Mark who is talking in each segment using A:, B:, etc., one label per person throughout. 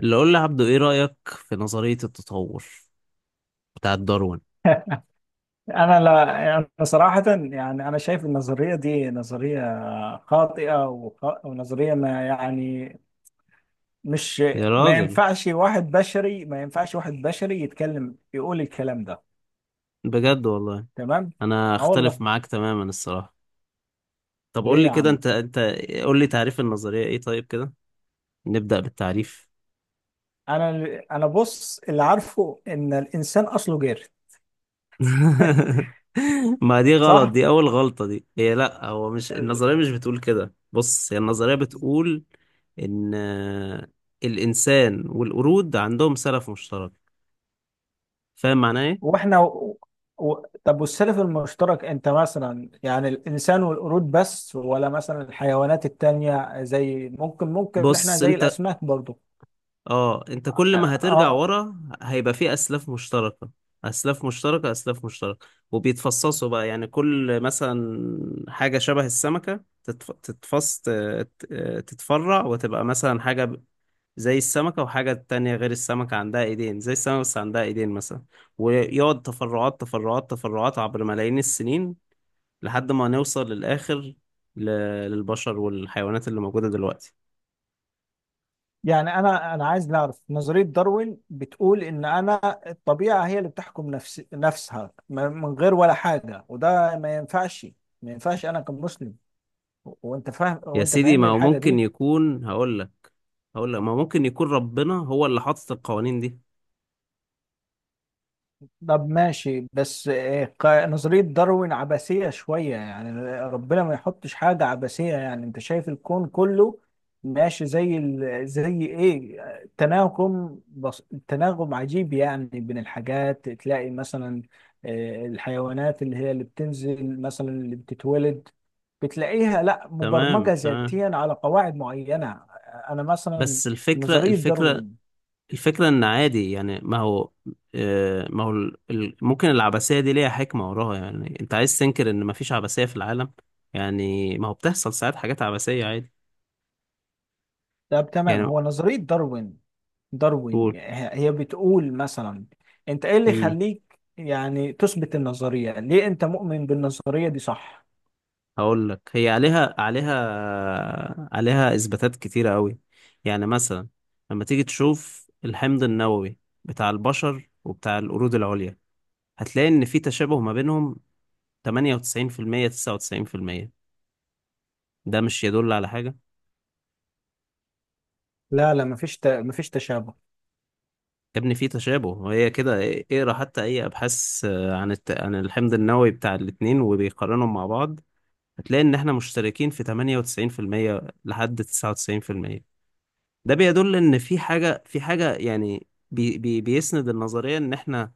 A: اللي قول لي عبدو، ايه رأيك في نظرية التطور بتاعت داروين؟
B: انا لا انا صراحه يعني انا شايف النظريه دي نظريه خاطئه ونظريه ما يعني مش.
A: يا
B: ما
A: راجل،
B: ينفعش واحد بشري ما ينفعش واحد بشري يتكلم يقول الكلام ده.
A: بجد والله.
B: تمام.
A: انا
B: اه والله.
A: اختلف معاك تماما الصراحة. طب قول
B: ليه
A: لي
B: يا
A: كده،
B: عم؟
A: انت قول لي تعريف النظرية ايه؟ طيب كده، نبدأ بالتعريف.
B: انا انا بص، اللي عارفه ان الانسان اصله جير.
A: ما دي غلط،
B: صح.
A: دي اول غلطة، دي هي، لا، هو مش النظرية مش بتقول كده. بص، هي النظرية بتقول ان الانسان والقرود عندهم سلف مشترك. فاهم معناه ايه؟
B: واحنا و... و... طب والسلف المشترك انت مثلا يعني الانسان والقرود بس، ولا مثلا الحيوانات التانية، زي ممكن احنا
A: بص
B: زي
A: انت،
B: الاسماك برضو؟
A: اه انت كل
B: اه.
A: ما هترجع
B: آه،
A: ورا هيبقى في اسلاف مشتركه، اسلاف مشتركه اسلاف مشتركه، وبيتفصصوا بقى. يعني كل مثلا حاجه شبه السمكه تتفرع، وتبقى مثلا زي السمكه، وحاجه تانية غير السمكه عندها ايدين زي السمكه بس عندها ايدين مثلا. ويقعد تفرعات تفرعات تفرعات عبر ملايين السنين، لحد ما نوصل للاخر، ل... للبشر والحيوانات اللي موجوده دلوقتي.
B: يعني انا عايز نعرف نظرية داروين بتقول ان انا الطبيعة هي اللي بتحكم نفسها من غير ولا حاجة، وده ما ينفعش. ما ينفعش انا كمسلم. وانت فاهم،
A: يا
B: وانت
A: سيدي،
B: فاهمني
A: ما هو
B: الحاجة
A: ممكن
B: دي.
A: يكون، هقول لك ما ممكن يكون ربنا هو اللي حاطط القوانين دي.
B: طب ماشي، بس نظرية داروين عبثية شوية يعني. ربنا ما يحطش حاجة عبثية. يعني انت شايف الكون كله ماشي زي ايه، تناغم، تناغم عجيب يعني بين الحاجات. تلاقي مثلا الحيوانات اللي هي اللي بتنزل مثلا اللي بتتولد، بتلاقيها لا مبرمجة
A: تمام، تمام.
B: ذاتيا على قواعد معينة. انا مثلا
A: بس الفكرة
B: نظرية
A: الفكرة
B: داروين.
A: الفكرة ان عادي. يعني ما هو، ما هو ممكن العبثية دي ليها حكمة وراها. يعني انت عايز تنكر ان ما فيش عبثية في العالم؟ يعني ما هو بتحصل ساعات حاجات عبثية عادي.
B: طب تمام،
A: يعني
B: هو نظرية داروين،
A: قول.
B: داروين هي بتقول مثلا، انت ايه اللي
A: امم
B: يخليك يعني تثبت النظرية؟ ليه انت مؤمن بالنظرية دي؟ صح.
A: هقول لك هي عليها اثباتات كتيرة قوي. يعني مثلا لما تيجي تشوف الحمض النووي بتاع البشر وبتاع القرود العليا، هتلاقي ان في تشابه ما بينهم، 98% 99%. ده مش يدل على حاجة؟
B: لا لا، مفيش مفيش تشابه.
A: يا ابني في تشابه، وهي كده. اقرا حتى اي ابحاث عن عن الحمض النووي بتاع الاتنين وبيقارنهم مع بعض، هتلاقي ان احنا مشتركين في 98% لحد 99%. ده بيدل ان في حاجة يعني بيسند النظرية ان احنا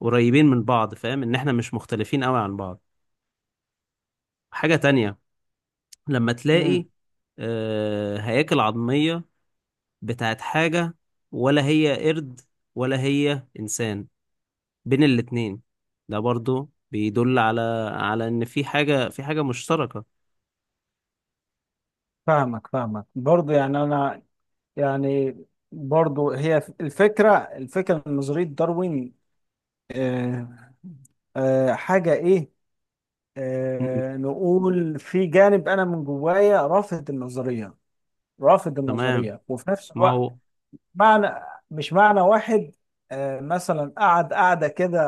A: قريبين من بعض. فاهم ان احنا مش مختلفين قوي عن بعض؟ حاجة تانية، لما تلاقي
B: امم.
A: هياكل عظمية بتاعت حاجة، ولا هي قرد ولا هي إنسان، بين الاتنين، ده برضو بيدل على، إن في حاجة مشتركة.
B: فاهمك برضو يعني انا، يعني برضو هي الفكرة، الفكرة من نظرية داروين آه حاجة ايه؟
A: مم.
B: آه، نقول في جانب انا من جوايا رافض النظرية. رافض
A: تمام.
B: النظرية، وفي نفس
A: ما
B: الوقت
A: هو
B: معنى، مش معنى واحد. مثلا قعد قعدة كده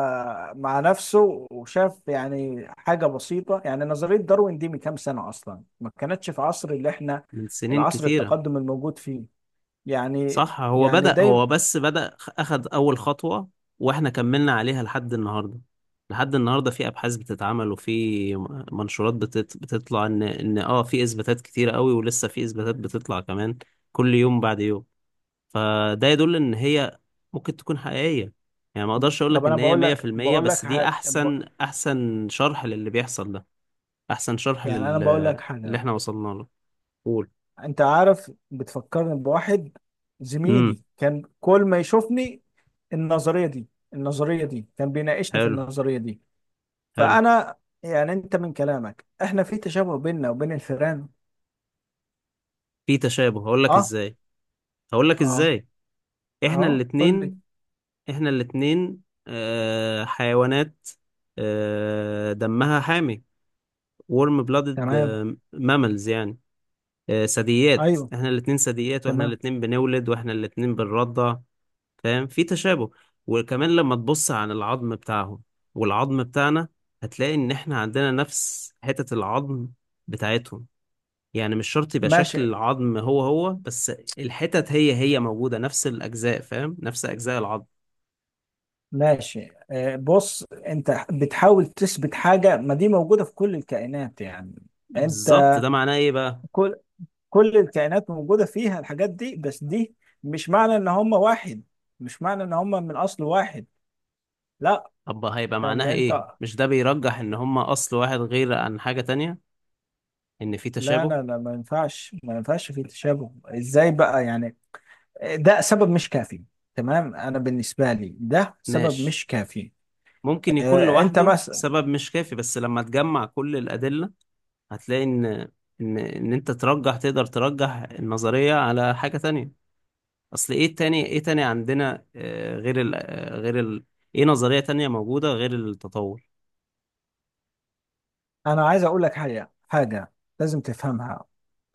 B: مع نفسه وشاف يعني حاجة بسيطة. يعني نظرية داروين دي من كام سنة أصلا، ما كانتش في عصر اللي احنا،
A: من سنين
B: العصر
A: كتيرة.
B: التقدم الموجود فيه يعني.
A: صح، هو
B: يعني
A: بدأ،
B: دايما
A: هو بس بدأ، أخد أول خطوة، وإحنا كملنا عليها لحد النهاردة. لحد النهاردة في أبحاث بتتعمل، وفي منشورات بتطلع إن في إثباتات كتيرة قوي، ولسه في إثباتات بتطلع كمان كل يوم بعد يوم. فده يدل ان هي ممكن تكون حقيقية. يعني ما اقدرش اقول
B: طب
A: لك
B: أنا
A: ان هي
B: بقول لك
A: 100%،
B: بقول لك
A: بس دي
B: حاجة
A: احسن شرح للي بيحصل ده، احسن شرح
B: يعني أنا بقول لك
A: اللي
B: حاجة.
A: احنا وصلنا له. قول.
B: أنت عارف، بتفكرني بواحد،
A: امم.
B: زميلي كان كل ما يشوفني، النظرية دي النظرية دي كان بيناقشني في
A: حلو،
B: النظرية دي.
A: حلو.
B: فانا يعني، انت من كلامك احنا في تشابه بيننا وبين الفئران.
A: في تشابه. هقول لك
B: اه.
A: ازاي هقول لك
B: اه.
A: ازاي احنا
B: اه قول لي.
A: الاتنين احنا الاتنين حيوانات، دمها حامي، ورم بلادد،
B: تمام.
A: ماملز يعني. ثدييات.
B: ايوه،
A: احنا الاتنين ثدييات، واحنا
B: تمام.
A: الاتنين بنولد، واحنا الاتنين بنرضع. فاهم؟ في تشابه. وكمان لما تبص عن العظم بتاعهم والعظم بتاعنا، هتلاقي ان احنا عندنا نفس حتة العظم بتاعتهم. يعني مش شرط يبقى
B: ماشي.
A: شكل العظم هو هو، بس الحتت هي هي موجودة، نفس الأجزاء. فاهم؟ نفس أجزاء العظم.
B: ماشي بص، انت بتحاول تثبت حاجه، ما دي موجوده في كل الكائنات يعني.
A: بالظبط.
B: انت،
A: ده معناه ايه بقى؟
B: كل كل الكائنات موجوده فيها الحاجات دي، بس دي مش معنى ان هم واحد، مش معنى ان هم من اصل واحد. لا.
A: طب هيبقى
B: طب
A: معناها ايه؟
B: انت،
A: مش ده بيرجح ان هما أصل واحد، غير عن حاجة تانية ان في
B: لا
A: تشابه؟
B: لا لا، ما ينفعش. ما ينفعش في تشابه ازاي بقى يعني؟ ده سبب مش كافي. تمام، انا بالنسبه لي ده سبب
A: ماشي.
B: مش كافي.
A: ممكن يكون
B: انت
A: لوحده
B: مثلا.
A: سبب مش كافي، بس لما تجمع كل الأدلة، هتلاقي ان ان ان انت ترجح، تقدر ترجح النظرية على حاجة تانية. اصل ايه تاني؟ ايه تاني عندنا غير غير ايه نظرية تانية موجودة غير التطور؟
B: انا عايز اقول لك حاجه لازم تفهمها.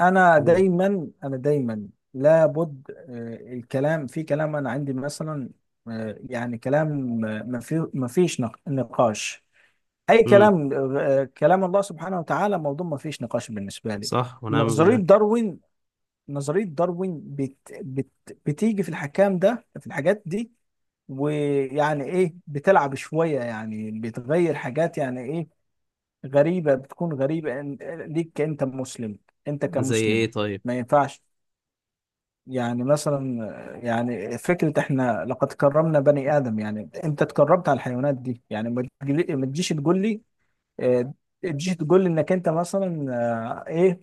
B: انا
A: قول.
B: دايما انا دايما لابد الكلام في كلام. انا عندي مثلا يعني كلام ما فيش نقاش. اي
A: امم.
B: كلام، كلام الله سبحانه وتعالى، موضوع ما فيش نقاش بالنسبه لي.
A: صح ونعم
B: نظريه
A: بالله.
B: داروين، نظرية داروين بتيجي في الحكام ده، في الحاجات دي، ويعني ايه، بتلعب شوية يعني، بتغير حاجات يعني ايه. غريبة، بتكون غريبة ليك كأنت مسلم. انت
A: زي ايه
B: كمسلم
A: طيب؟
B: ما ينفعش. يعني مثلا، يعني فكرة احنا لقد كرمنا بني آدم. يعني انت اتكرمت على الحيوانات دي، يعني ما تجيش تقول لي آه، تجيش تقول لي انك انت مثلا ايه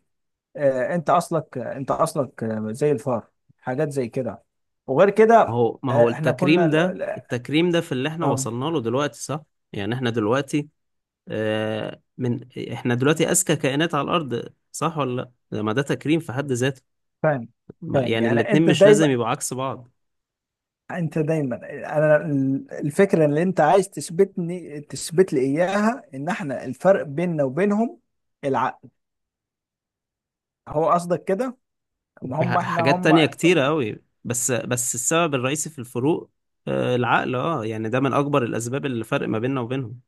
B: انت اصلك، انت اصلك زي الفار، حاجات زي كده وغير
A: ما
B: كده.
A: هو ما هو
B: احنا كنا
A: التكريم ده التكريم ده في اللي احنا
B: اه.
A: وصلنا له دلوقتي، صح؟ يعني آه، من احنا دلوقتي اذكى كائنات على الارض، صح ولا لا؟ ما ده تكريم في حد ذاته.
B: فاهم، فاهم
A: يعني
B: يعني.
A: الاتنين
B: انت
A: مش لازم
B: دايما
A: يبقوا عكس بعض.
B: انت دايما انا الفكره اللي انت عايز تثبتني تثبت لي اياها، ان احنا الفرق بيننا وبينهم العقل. هو قصدك كده؟ ما
A: وفي
B: هم احنا
A: حاجات
B: هم.
A: تانية كتيرة
B: اه
A: أوي، بس السبب الرئيسي في الفروق، العقل. اه يعني ده من أكبر الأسباب اللي فرق ما بيننا وبينهم.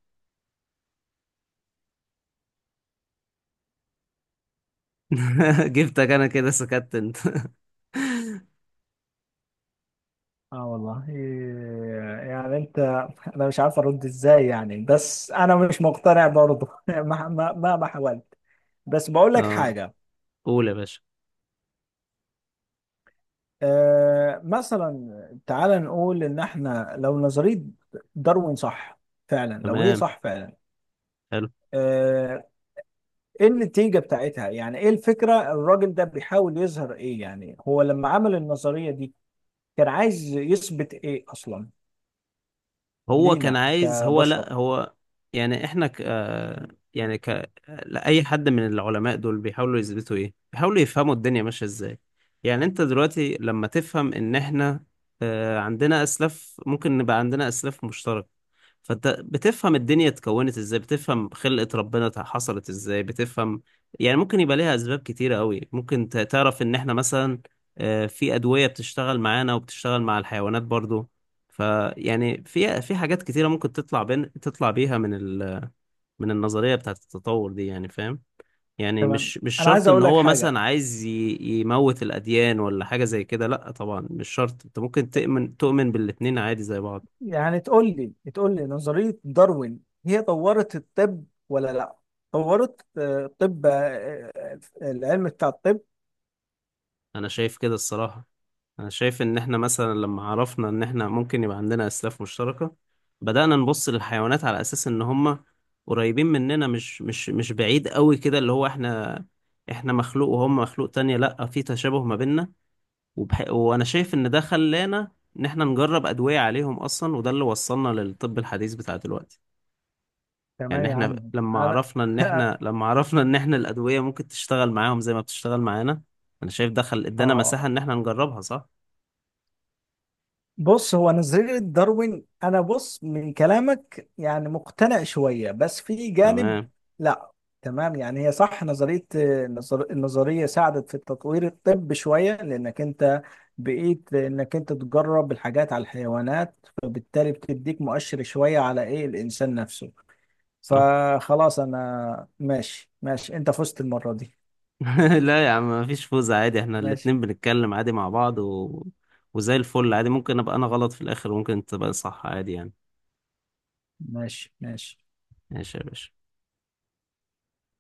A: جبتك أنا كده، سكت أنت.
B: والله، يعني انت، انا مش عارف ارد ازاي يعني، بس انا مش مقتنع برضه مهما حاولت. بس بقول لك
A: اه،
B: حاجه.
A: قول يا باشا.
B: مثلا تعال نقول ان احنا، لو نظرية داروين صح فعلا، لو هي
A: تمام.
B: صح فعلا.
A: حلو.
B: آه، ايه النتيجة بتاعتها؟ يعني ايه الفكرة؟ الراجل ده بيحاول يظهر ايه يعني؟ هو لما عمل النظرية دي كان عايز يثبت ايه اصلا
A: هو كان
B: لينا
A: عايز، هو،
B: كبشر؟
A: لا، هو يعني احنا يعني لا، اي حد من العلماء دول بيحاولوا يثبتوا ايه، بيحاولوا يفهموا الدنيا ماشيه ازاي. يعني انت دلوقتي لما تفهم ان احنا عندنا اسلاف، ممكن نبقى عندنا اسلاف مشتركه، فانت بتفهم الدنيا اتكونت ازاي، بتفهم خلقة ربنا حصلت ازاي، بتفهم يعني ممكن يبقى ليها اسباب كتيرة قوي. ممكن تعرف ان احنا مثلا في ادوية بتشتغل معانا وبتشتغل مع الحيوانات برضو. فيعني في حاجات كتيرة ممكن تطلع بيها من من النظرية بتاعت التطور دي. يعني فاهم؟ يعني
B: تمام.
A: مش
B: انا
A: شرط
B: عايز
A: ان
B: اقول لك
A: هو
B: حاجة.
A: مثلا عايز يموت الاديان ولا حاجة زي كده. لا طبعا، مش شرط. انت ممكن تؤمن بالاتنين عادي زي بعض.
B: يعني تقول لي نظرية داروين هي طورت الطب ولا لا؟ طورت الطب، العلم بتاع الطب.
A: انا شايف كده الصراحة. انا شايف ان احنا مثلا لما عرفنا ان احنا ممكن يبقى عندنا اسلاف مشتركة، بدأنا نبص للحيوانات على اساس ان هم قريبين مننا، مش بعيد قوي كده اللي هو، احنا مخلوق وهم مخلوق تانية، لا في تشابه ما بيننا. وانا شايف ان ده خلانا ان احنا نجرب ادوية عليهم اصلا، وده اللي وصلنا للطب الحديث بتاع دلوقتي.
B: تمام
A: يعني
B: يا
A: احنا
B: عم،
A: لما
B: انا
A: عرفنا ان احنا لما عرفنا ان احنا الادوية ممكن تشتغل معاهم زي ما بتشتغل معانا. انا شايف دخل ادانا مساحة
B: اه،
A: ان احنا نجربها، صح.
B: بص، هو نظرية داروين، انا بص من كلامك يعني مقتنع شوية، بس في جانب
A: تمام،
B: لا. تمام، يعني هي صح نظرية، النظرية ساعدت في تطوير الطب شوية، لانك انت بقيت انك انت تجرب الحاجات على الحيوانات، فبالتالي بتديك مؤشر شوية على ايه الانسان نفسه.
A: صح.
B: فخلاص انا ماشي، ماشي، انت فزت المرة دي.
A: لا يا عم، مفيش فوز عادي. احنا
B: ماشي،
A: الاتنين بنتكلم عادي مع بعض وزي الفل عادي. ممكن ابقى انا غلط في الاخر، وممكن انت تبقى صح، عادي يعني.
B: ماشي، ماشي.
A: ماشي يا باشا.